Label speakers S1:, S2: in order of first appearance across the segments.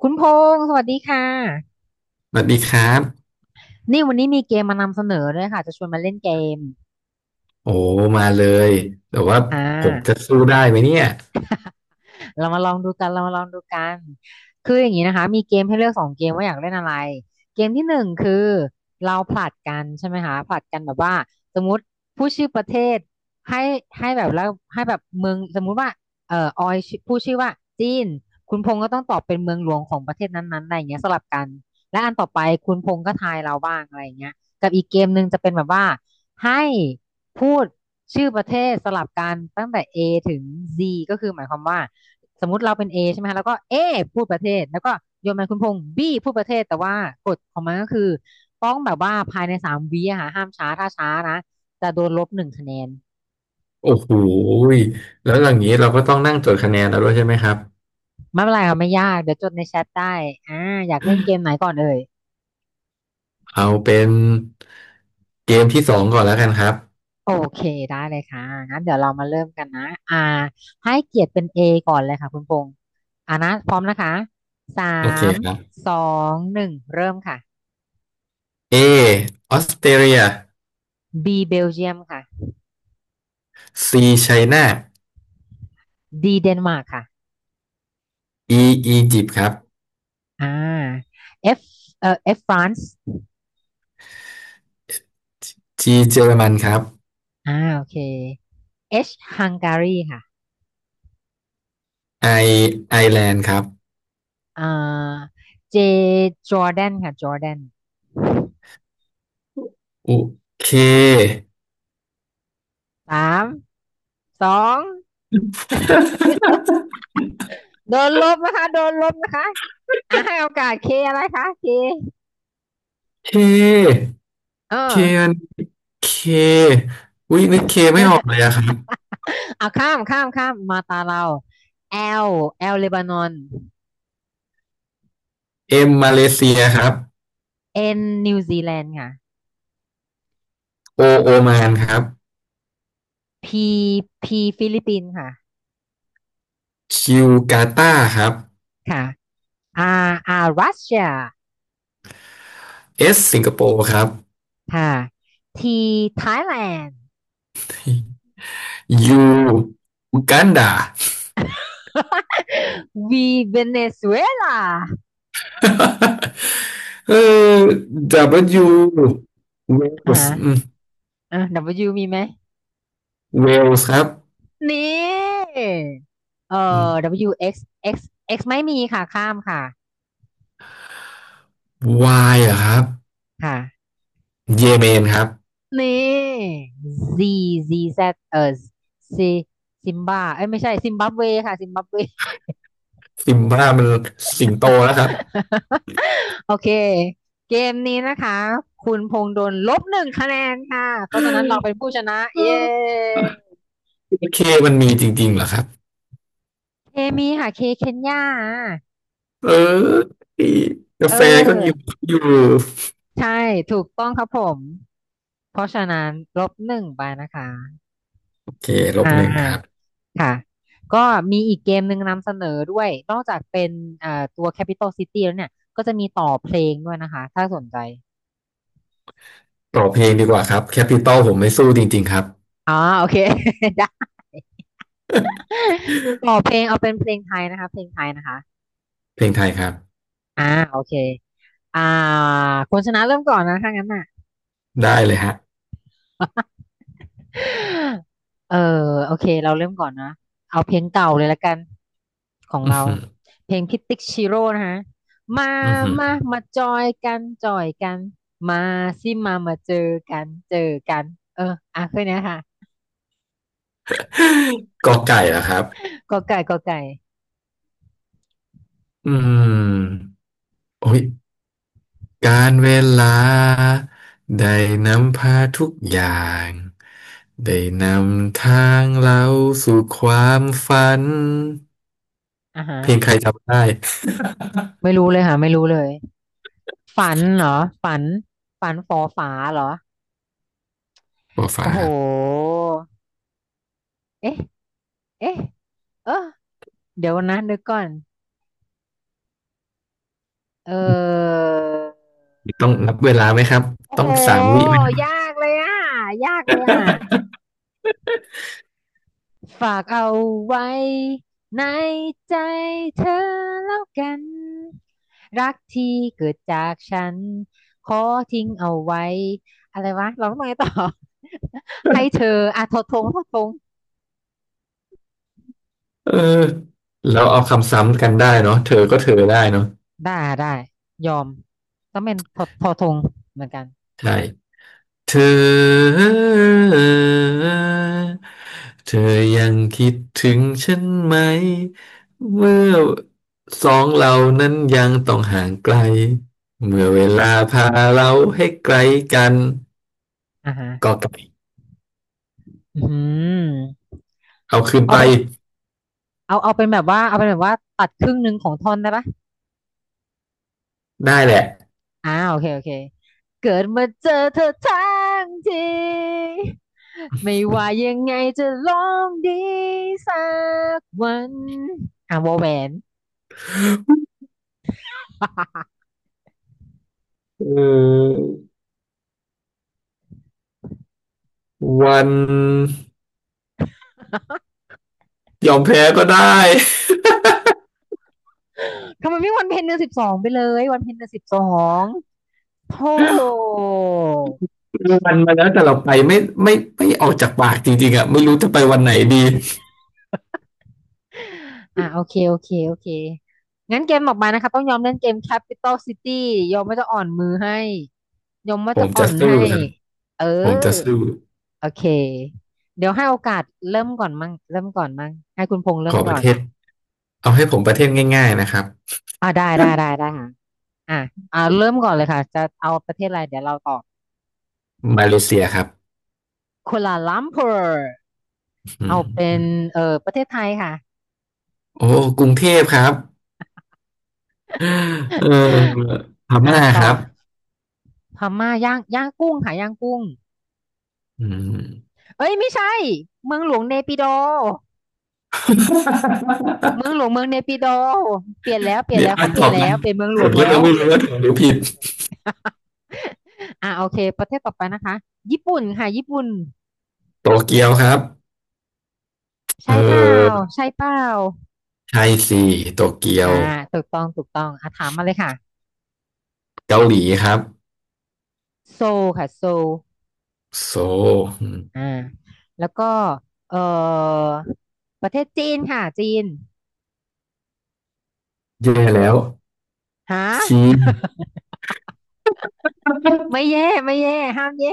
S1: คุณพงษ์สวัสดีค่ะ
S2: สวัสดีครับ
S1: นี่วันนี้มีเกมมานำเสนอด้วยค่ะจะชวนมาเล่นเกม
S2: โอ้มาเลยแต่ว่า
S1: อ่
S2: ผมจะ
S1: า
S2: สู้ได้ไหมเนี่ย
S1: เรามาลองดูกันเรามาลองดูกัน คืออย่างนี้นะคะ มีเกมให้เลือก2 เกมว่าอยากเล่นอะไรเกมที่ 1คือเราผลัดกันใช่ไหมคะผลัดกันแบบว่าสมมติผู้ชื่อประเทศให้ให้แบบแล้วให้แบบเมืองสมมุติว่าออยชื่อผู้ชื่อว่าจีนคุณพงษ์ก็ต้องตอบเป็นเมืองหลวงของประเทศนั้นๆอะไรอย่างเงี้ยสลับกันและอันต่อไปคุณพงษ์ก็ทายเราบ้างอะไรอย่างเงี้ยกับอีกเกมหนึ่งจะเป็นแบบว่าให้พูดชื่อประเทศสลับกันตั้งแต่ A ถึง Z ก็คือหมายความว่า สมมุติเราเป็น A ใช่ไหมคะแล้วก็ A พูดประเทศแล้วก็โยนมาคุณพงษ์ B พูดประเทศแต่ว่ากฎของมันก็คือต้องแบบว่าภายใน3 วิอะค่ะห้ามช้าถ้าช้านะจะโดนลบหนึ่งคะแนน
S2: โอ้โหยแล้วอย่างนี้เราก็ต้องนั่งจดคะแนนแล้วด้วยใช่ไหมครับ
S1: ไม่เป็นไรค่ะไม่ยากเดี๋ยวจดในแชทได้อ่าอยากเล่นเกมไหนก่อนเอ่ย
S2: เอาเป็นเกมที่สองก่อนแล้วกันครับ
S1: โอเคได้เลยค่ะงั้นเดี๋ยวเรามาเริ่มกันนะให้เกียรติเป็น A ก่อนเลยค่ะคุณพงษ์นะพร้อมนะคะสา
S2: โอเค
S1: ม
S2: ครับ
S1: สองหนึ่งเริ่มค่ะ
S2: A ออสเตรเลีย
S1: B เบลเยียมค่ะ
S2: C ไชน่า
S1: D เดนมาร์กค่ะ
S2: E อียิปต์ครับ
S1: อ่า F F France
S2: G เยอรมันครับ
S1: โอเค H Hungary ค่ะ
S2: I ไอร์แลนด์ครับ
S1: อ่า J Jordan ค่ะ Jordan
S2: โอเค
S1: 3 2โดนลบนะคะโดนลบนะคะให้โอกาส K อะไรคะ K
S2: เค
S1: เออ
S2: เคอันเคอุ้ยนึกเคไม่ออกเลยอะครับ
S1: เอาข้ามข้ามมาตาเรา L L เลบานอน
S2: M มาเลเซียครับ
S1: N นิวซีแลนด์ค่ะ
S2: โอโอมานครับ
S1: P P ฟิลิปปินส์ค่ะ
S2: คิวกาตาร์ครับ
S1: ค่ะ R R รัสเซีย
S2: เอสสิงคโปร์ครับ
S1: ค่ะ T ไทยแลนด์
S2: ยูอูกันดา
S1: V เวเนซุเอลา
S2: เออดับเบิลยูเว
S1: อ่า
S2: ลส์
S1: ฮะอ่ะ W มีไหม
S2: เวลส์ครับ
S1: นี่เอ่อ W X X X ไม่มีค่ะข้ามค่ะ
S2: วายเหรอครับ
S1: ค่ะ
S2: เยเมนครับ
S1: นี่ Z Z Z เอ่อ Z ซิมบาเอ้ยไม่ใช่ซิมบับเวค่ะซิมบับเว
S2: ซิมบ้ามันสิงโตแล้วครับ
S1: โอเคเกมนี้นะคะคุณพงษ์โดนลบหนึ่งคะแนนค่ะเพราะฉะนั้นเราเป็นผู้ชนะเย้
S2: โอเคมันมีจริงๆเหรอครับ
S1: เคมีค่ะเคเคนยา
S2: เออกา
S1: เ
S2: แฟก็มี
S1: ออ
S2: อยู่
S1: ใช่ถูกต้องครับผมเพราะฉะนั้นลบหนึ่งไปนะคะ
S2: โอเคล
S1: อ่
S2: บหนึ่งครับ
S1: าค่ะก็มีอีกเกมหนึ่งนำเสนอด้วยนอกจากเป็นตัว Capital City แล้วเนี่ยก็จะมีต่อเพลงด้วยนะคะถ้าสนใจ
S2: ต่อเพลงดีกว่าครับแคปิตอลผมไม่สู้จริงๆครับ
S1: อ่อโอเค ได้ต่อเพลงเอาเป็นเพลงไทยนะคะเพลงไทยนะคะ
S2: เพลงไทยครับ
S1: อ่าโอเคอ่าคนชนะเริ่มก่อนนะถ้างั้นน่ะ
S2: ได้เลยฮะ
S1: เออโอเคเราเริ่มก่อนนะเอาเพลงเก่าเลยละกันของ
S2: อือ
S1: เรา
S2: หือ
S1: เพลงพิติกชิโร่นะฮะมา
S2: อือหือ
S1: มามาจอยกันจอยกันมาสิมามาเจอกันเจอกันเออแคืนนี้ยค่ะ
S2: กอไก่เหรอครับ
S1: กอไก่กอไก่
S2: อืมโอ้ยการเวลาได้นำพาทุกอย่างได้นำทางเราสู่ความฝัน
S1: อ่ะฮะ
S2: เพลงใครจำได้
S1: ไม่รู้เลยค่ะไม่รู้เลยฝันเหรอฝันฝันฝอฝาเหรอ
S2: ปอฟ้า
S1: โอ้โห
S2: ครับ
S1: เอ๊ะเอ๊ะเออเดี๋ยวนะเดี๋ยวก่อนเออ
S2: ต้องนับเวลาไหมครับ
S1: โอ้
S2: ต้
S1: โห
S2: องสามวิไหมครับ
S1: ยากเลยอ่ะ ยากเลยอ่ะ ฝากเอาไว้ในใจเธอแล้วกันรักที่เกิดจากฉันขอทิ้งเอาไว้อะไรวะเราต้องไงต่อ ให้เธออ่ะทอทงทอทง
S2: เออแล้วเอาคำซ้ำกันได้เนาะเธอก็เธอได้เนาะ
S1: ได้ได้ยอมต้องเป็นทอทอทงเหมือนกัน
S2: ใช่ เธอเธอยังคิดถึงฉันไหมเมื่อสองเรานั้นยังต้องห่างไกลเมื่อเวลาพาเราให้ไกลกัน
S1: อ่าฮะ
S2: ก็ไกล
S1: อืม
S2: เอาคืน
S1: เอา
S2: ไป
S1: เป็นเอาเอาเป็นแบบว่าเอาเป็นแบบว่าตัดครึ่งหนึ่งของท่อนได้ปะ
S2: ได้แหละ
S1: โอเคเกิดมาเจอเธอทั้งทีไม่ว่ายังไงจะลองดีสักวันอ่าวอแหวน
S2: เออวัน ยอมแพ้ก็ได้
S1: ทำไมไม่วันเพ็ญเดือน 12ไปเลยวันเพ็ญเดือนสิบสองโธ่
S2: วันมาแล้วแต่เราไปไม่ไม่ออกจากปากจริงๆอ่ะไม่รู้จะไปวันไหนดี
S1: อ่ะโอเคงั้นเกมออกมานะคะต้องยอมเล่นเกม Capital City ยอมว่าจะอ่อนมือให้ยอมว่า
S2: ผ
S1: จะ
S2: ม
S1: อ่อ
S2: จะ
S1: น
S2: สู้
S1: ให้
S2: ครับ
S1: เออ
S2: ผมจะสู้
S1: โอเคเดี๋ยวให้โอกาสเริ่มก่อนมั่งให้คุณพงษ์
S2: ข
S1: เริ่ม
S2: อป
S1: ก่อ
S2: ระ
S1: น
S2: เทศเอาให้ผมประเทศง่ายๆนะครับ
S1: ได้ค่ะอ่ะเริ่มก่อนเลยค่ะจะเอาประเทศอะไรเดี๋ยวเราตอบ
S2: มาเลเซียครับ
S1: กัวลาลัมเปอร์
S2: อื
S1: เอา
S2: ม
S1: เป็
S2: อื
S1: น
S2: ม
S1: เออประเทศไทยค่ะ
S2: โอ้กรุงเทพครับเออพ
S1: อ่ะ
S2: ม่า
S1: ต่
S2: ค
S1: อ
S2: รับ
S1: พม่าย่างย่างกุ้งค่ะย่างกุ้ง
S2: อืม
S1: เอ้ยไม่ใช่เมืองหลวงเนปิดอเมืองหลวงเมืองเนปิดอเปลี่ยนแล้วเปลี่ยน
S2: เนี่ย
S1: แล้ว
S2: อ่ะ
S1: เขาเป
S2: ต
S1: ลี่ย
S2: อ
S1: น
S2: บ
S1: แล้
S2: นะ
S1: วเป็นเมืองหล
S2: ผ
S1: ว
S2: ม
S1: ง
S2: ก็
S1: แล้
S2: ยั
S1: ว
S2: งไม่รู้ว่าถูกหรือผิด
S1: อ่ะโอเคประเทศต่อไปนะคะญี่ปุ่นค่ะญี่ปุ่น
S2: โตเกียวครับเอ
S1: ใช่เปล่า
S2: อ
S1: ใช่เปล่า
S2: ไทยสี่โตเกีย
S1: อ่า
S2: ว
S1: ถูกต้องถูกต้องอ่ะถามมาเลยค่ะ
S2: เกาหลีครับ
S1: โซลค่ะโซล
S2: โซลอืม
S1: อ่าแล้วก็เอ่อประเทศจีนค่ะจีน
S2: แย่แล้ว
S1: ฮ
S2: จีน
S1: ะไม่แย่ไม่แย่ห้ามแย่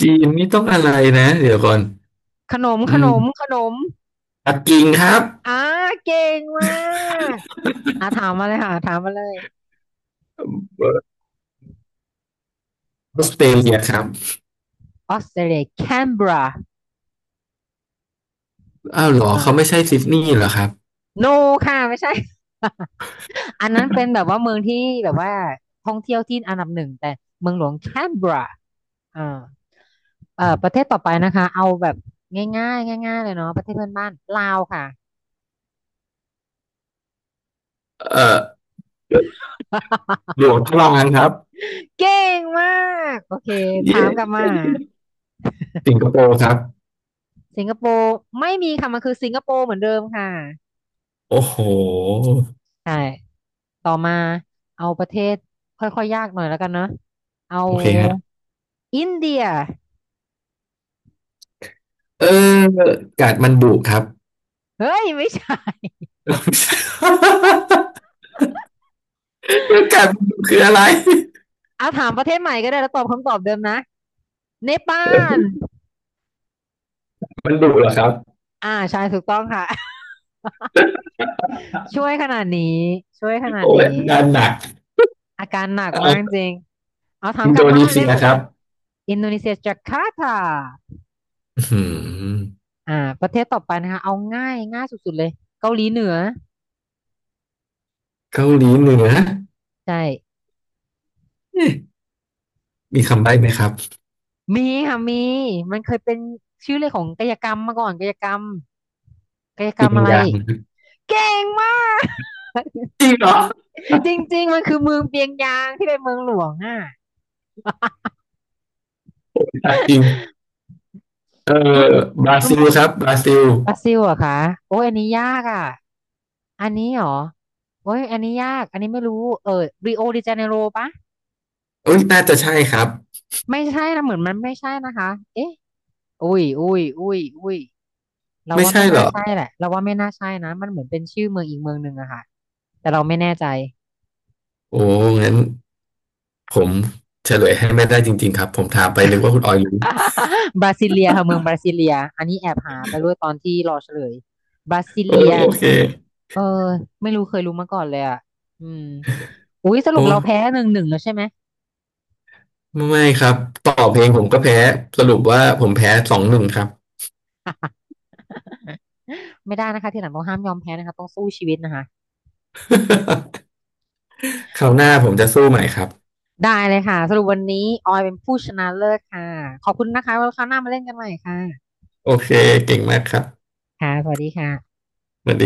S2: จีนนี่ต้องอะไรนะเดี๋ยวก่อน
S1: ขนม
S2: อื
S1: ขน
S2: ม
S1: มขนม
S2: ปักกิ่งครับ
S1: อ่าเก่งมากอ่ะถามมาเลยค่ะถามมาเลย
S2: ออสเตรเลียครับ
S1: ออสเตรเลียแคนเบรา
S2: อ้าวเหรอเขาไม่
S1: อ่า
S2: ใช่ซิดนีย์เหรอครับ
S1: โนค่ะไม่ใช่ อันนั้นเป็นแบบว่าเมืองที่แบบว่าท่องเที่ยวที่อันดับ 1แต่เมืองหลวงแคนเบราอ่า
S2: อื
S1: ประ
S2: ม
S1: เทศต่อไปนะคะเอาแบบง่ายๆง่ายๆเลยเนาะประเทศเพื่อนบ้านลาวค่ะ
S2: เอ่อหล วงทดลองกันครับ
S1: เก่งมากโอเคถา
S2: เย่
S1: มกลับมา
S2: สิงคโปร์ครับ
S1: สิงคโปร์ไม่มีค่ะมันคือสิงคโปร์เหมือนเดิมค่ะ
S2: โอ้โห
S1: ใช่ต่อมาเอาประเทศค่อยๆยากหน่อยแล้วกันเนาะเอา
S2: โอเคฮะ
S1: อินเดีย
S2: เออกาดมันดุครับ
S1: เฮ้ยไม่ใช่
S2: กาดมันดุคืออะไร
S1: เอาถามประเทศใหม่ก็ได้แล้วตอบคำตอบเดิมนะเนปาล
S2: มันดุเหรอครับ
S1: ใช่ถูกต้องค่ะ ช่วยขนาดนี้ช่วยขนาด
S2: โอ้
S1: นี้
S2: ยงานหนัก
S1: อาการหนักมาก
S2: เอา
S1: จริง เอาถาม
S2: อิน
S1: ก
S2: โด
S1: ลับมา
S2: นีเซี
S1: เร็
S2: ย
S1: ว
S2: ครับ
S1: อินโดนีเซียจาการ์ตา
S2: อื้อหือ
S1: อ่าประเทศต่อไปนะคะเอาง่ายง่ายสุดๆเลยเกาหลีเหนือ
S2: เกาหลีเหนือ
S1: ใช่
S2: เอ๊ะมีคำใบ้ไหมครับ
S1: มีค่ะมีมันเคยเป็นชื่อเลยของกายกรรมมาก่อนกายกรรมกายกร
S2: ปิ
S1: รม
S2: ง
S1: อะไร
S2: ยาง
S1: เก่งมาก
S2: จริงเหรอ
S1: จริงๆมันคือเมืองเปียงยางที่เป็นเมืองหลวงอ่ะ
S2: จริงเอ
S1: คุณ
S2: อ
S1: พง
S2: บรา
S1: คุณ
S2: ซิ
S1: พ
S2: ล
S1: งษ์
S2: ครับบราซิล
S1: บราซิลเหรอะคะโอ้ยอันนี้ยากอ่ะอันนี้เหรอโอ้ยอันนี้ยากอันนี้ไม่รู้เออริโอเดจาเนโรปะ
S2: เอ้ยน่าจะใช่ครับ
S1: ไม่ใช่นะเหมือนมันไม่ใช่นะคะเอ๊ะ อุ้ยเรา
S2: ไม่
S1: ว่า
S2: ใช่
S1: ไม่
S2: เหร
S1: น่า
S2: อ
S1: ใช่แหละเราว่าไม่น่าใช่นะมันเหมือนเป็นชื่อเมืองอีกเมืองหนึ่งอะค่ะแต่เราไม่แน่ใจ
S2: โอ้งั้นผมเฉลยให้ไม่ได้จริงๆครับผมถามไปนึกว่าคุณออยรู้
S1: บราซิเลียค่ะเมืองบราซิเลียอันนี้แอบหาไปด้วยตอนที่รอเฉลยบราซิ
S2: โอ้
S1: เลีย
S2: ยโอเค
S1: เออไม่รู้เคยรู้มาก่อนเลยอะอืมอุ้ยสรุ
S2: โอ้
S1: ปเราแพ้ 1-1แล้วใช่ไหม
S2: ไม่ไม่ครับต่อเพลงผมก็แพ้สรุปว่าผมแพ้สองหนึ่งครับ
S1: ไม่ได้นะคะทีหลังต้องห้ามยอมแพ้นะคะต้องสู้ชีวิตนะคะ
S2: คราวหน้าผมจะสู้ใหม่ครับ
S1: ได้เลยค่ะสรุปวันนี้ออยเป็นผู้ชนะเลิศค่ะขอบคุณนะคะไว้คราวหน้ามาเล่นกันใหม่ค่ะ
S2: โอเคเก่งมากครับ
S1: ค่ะสวัสดีค่ะ
S2: สวัสดี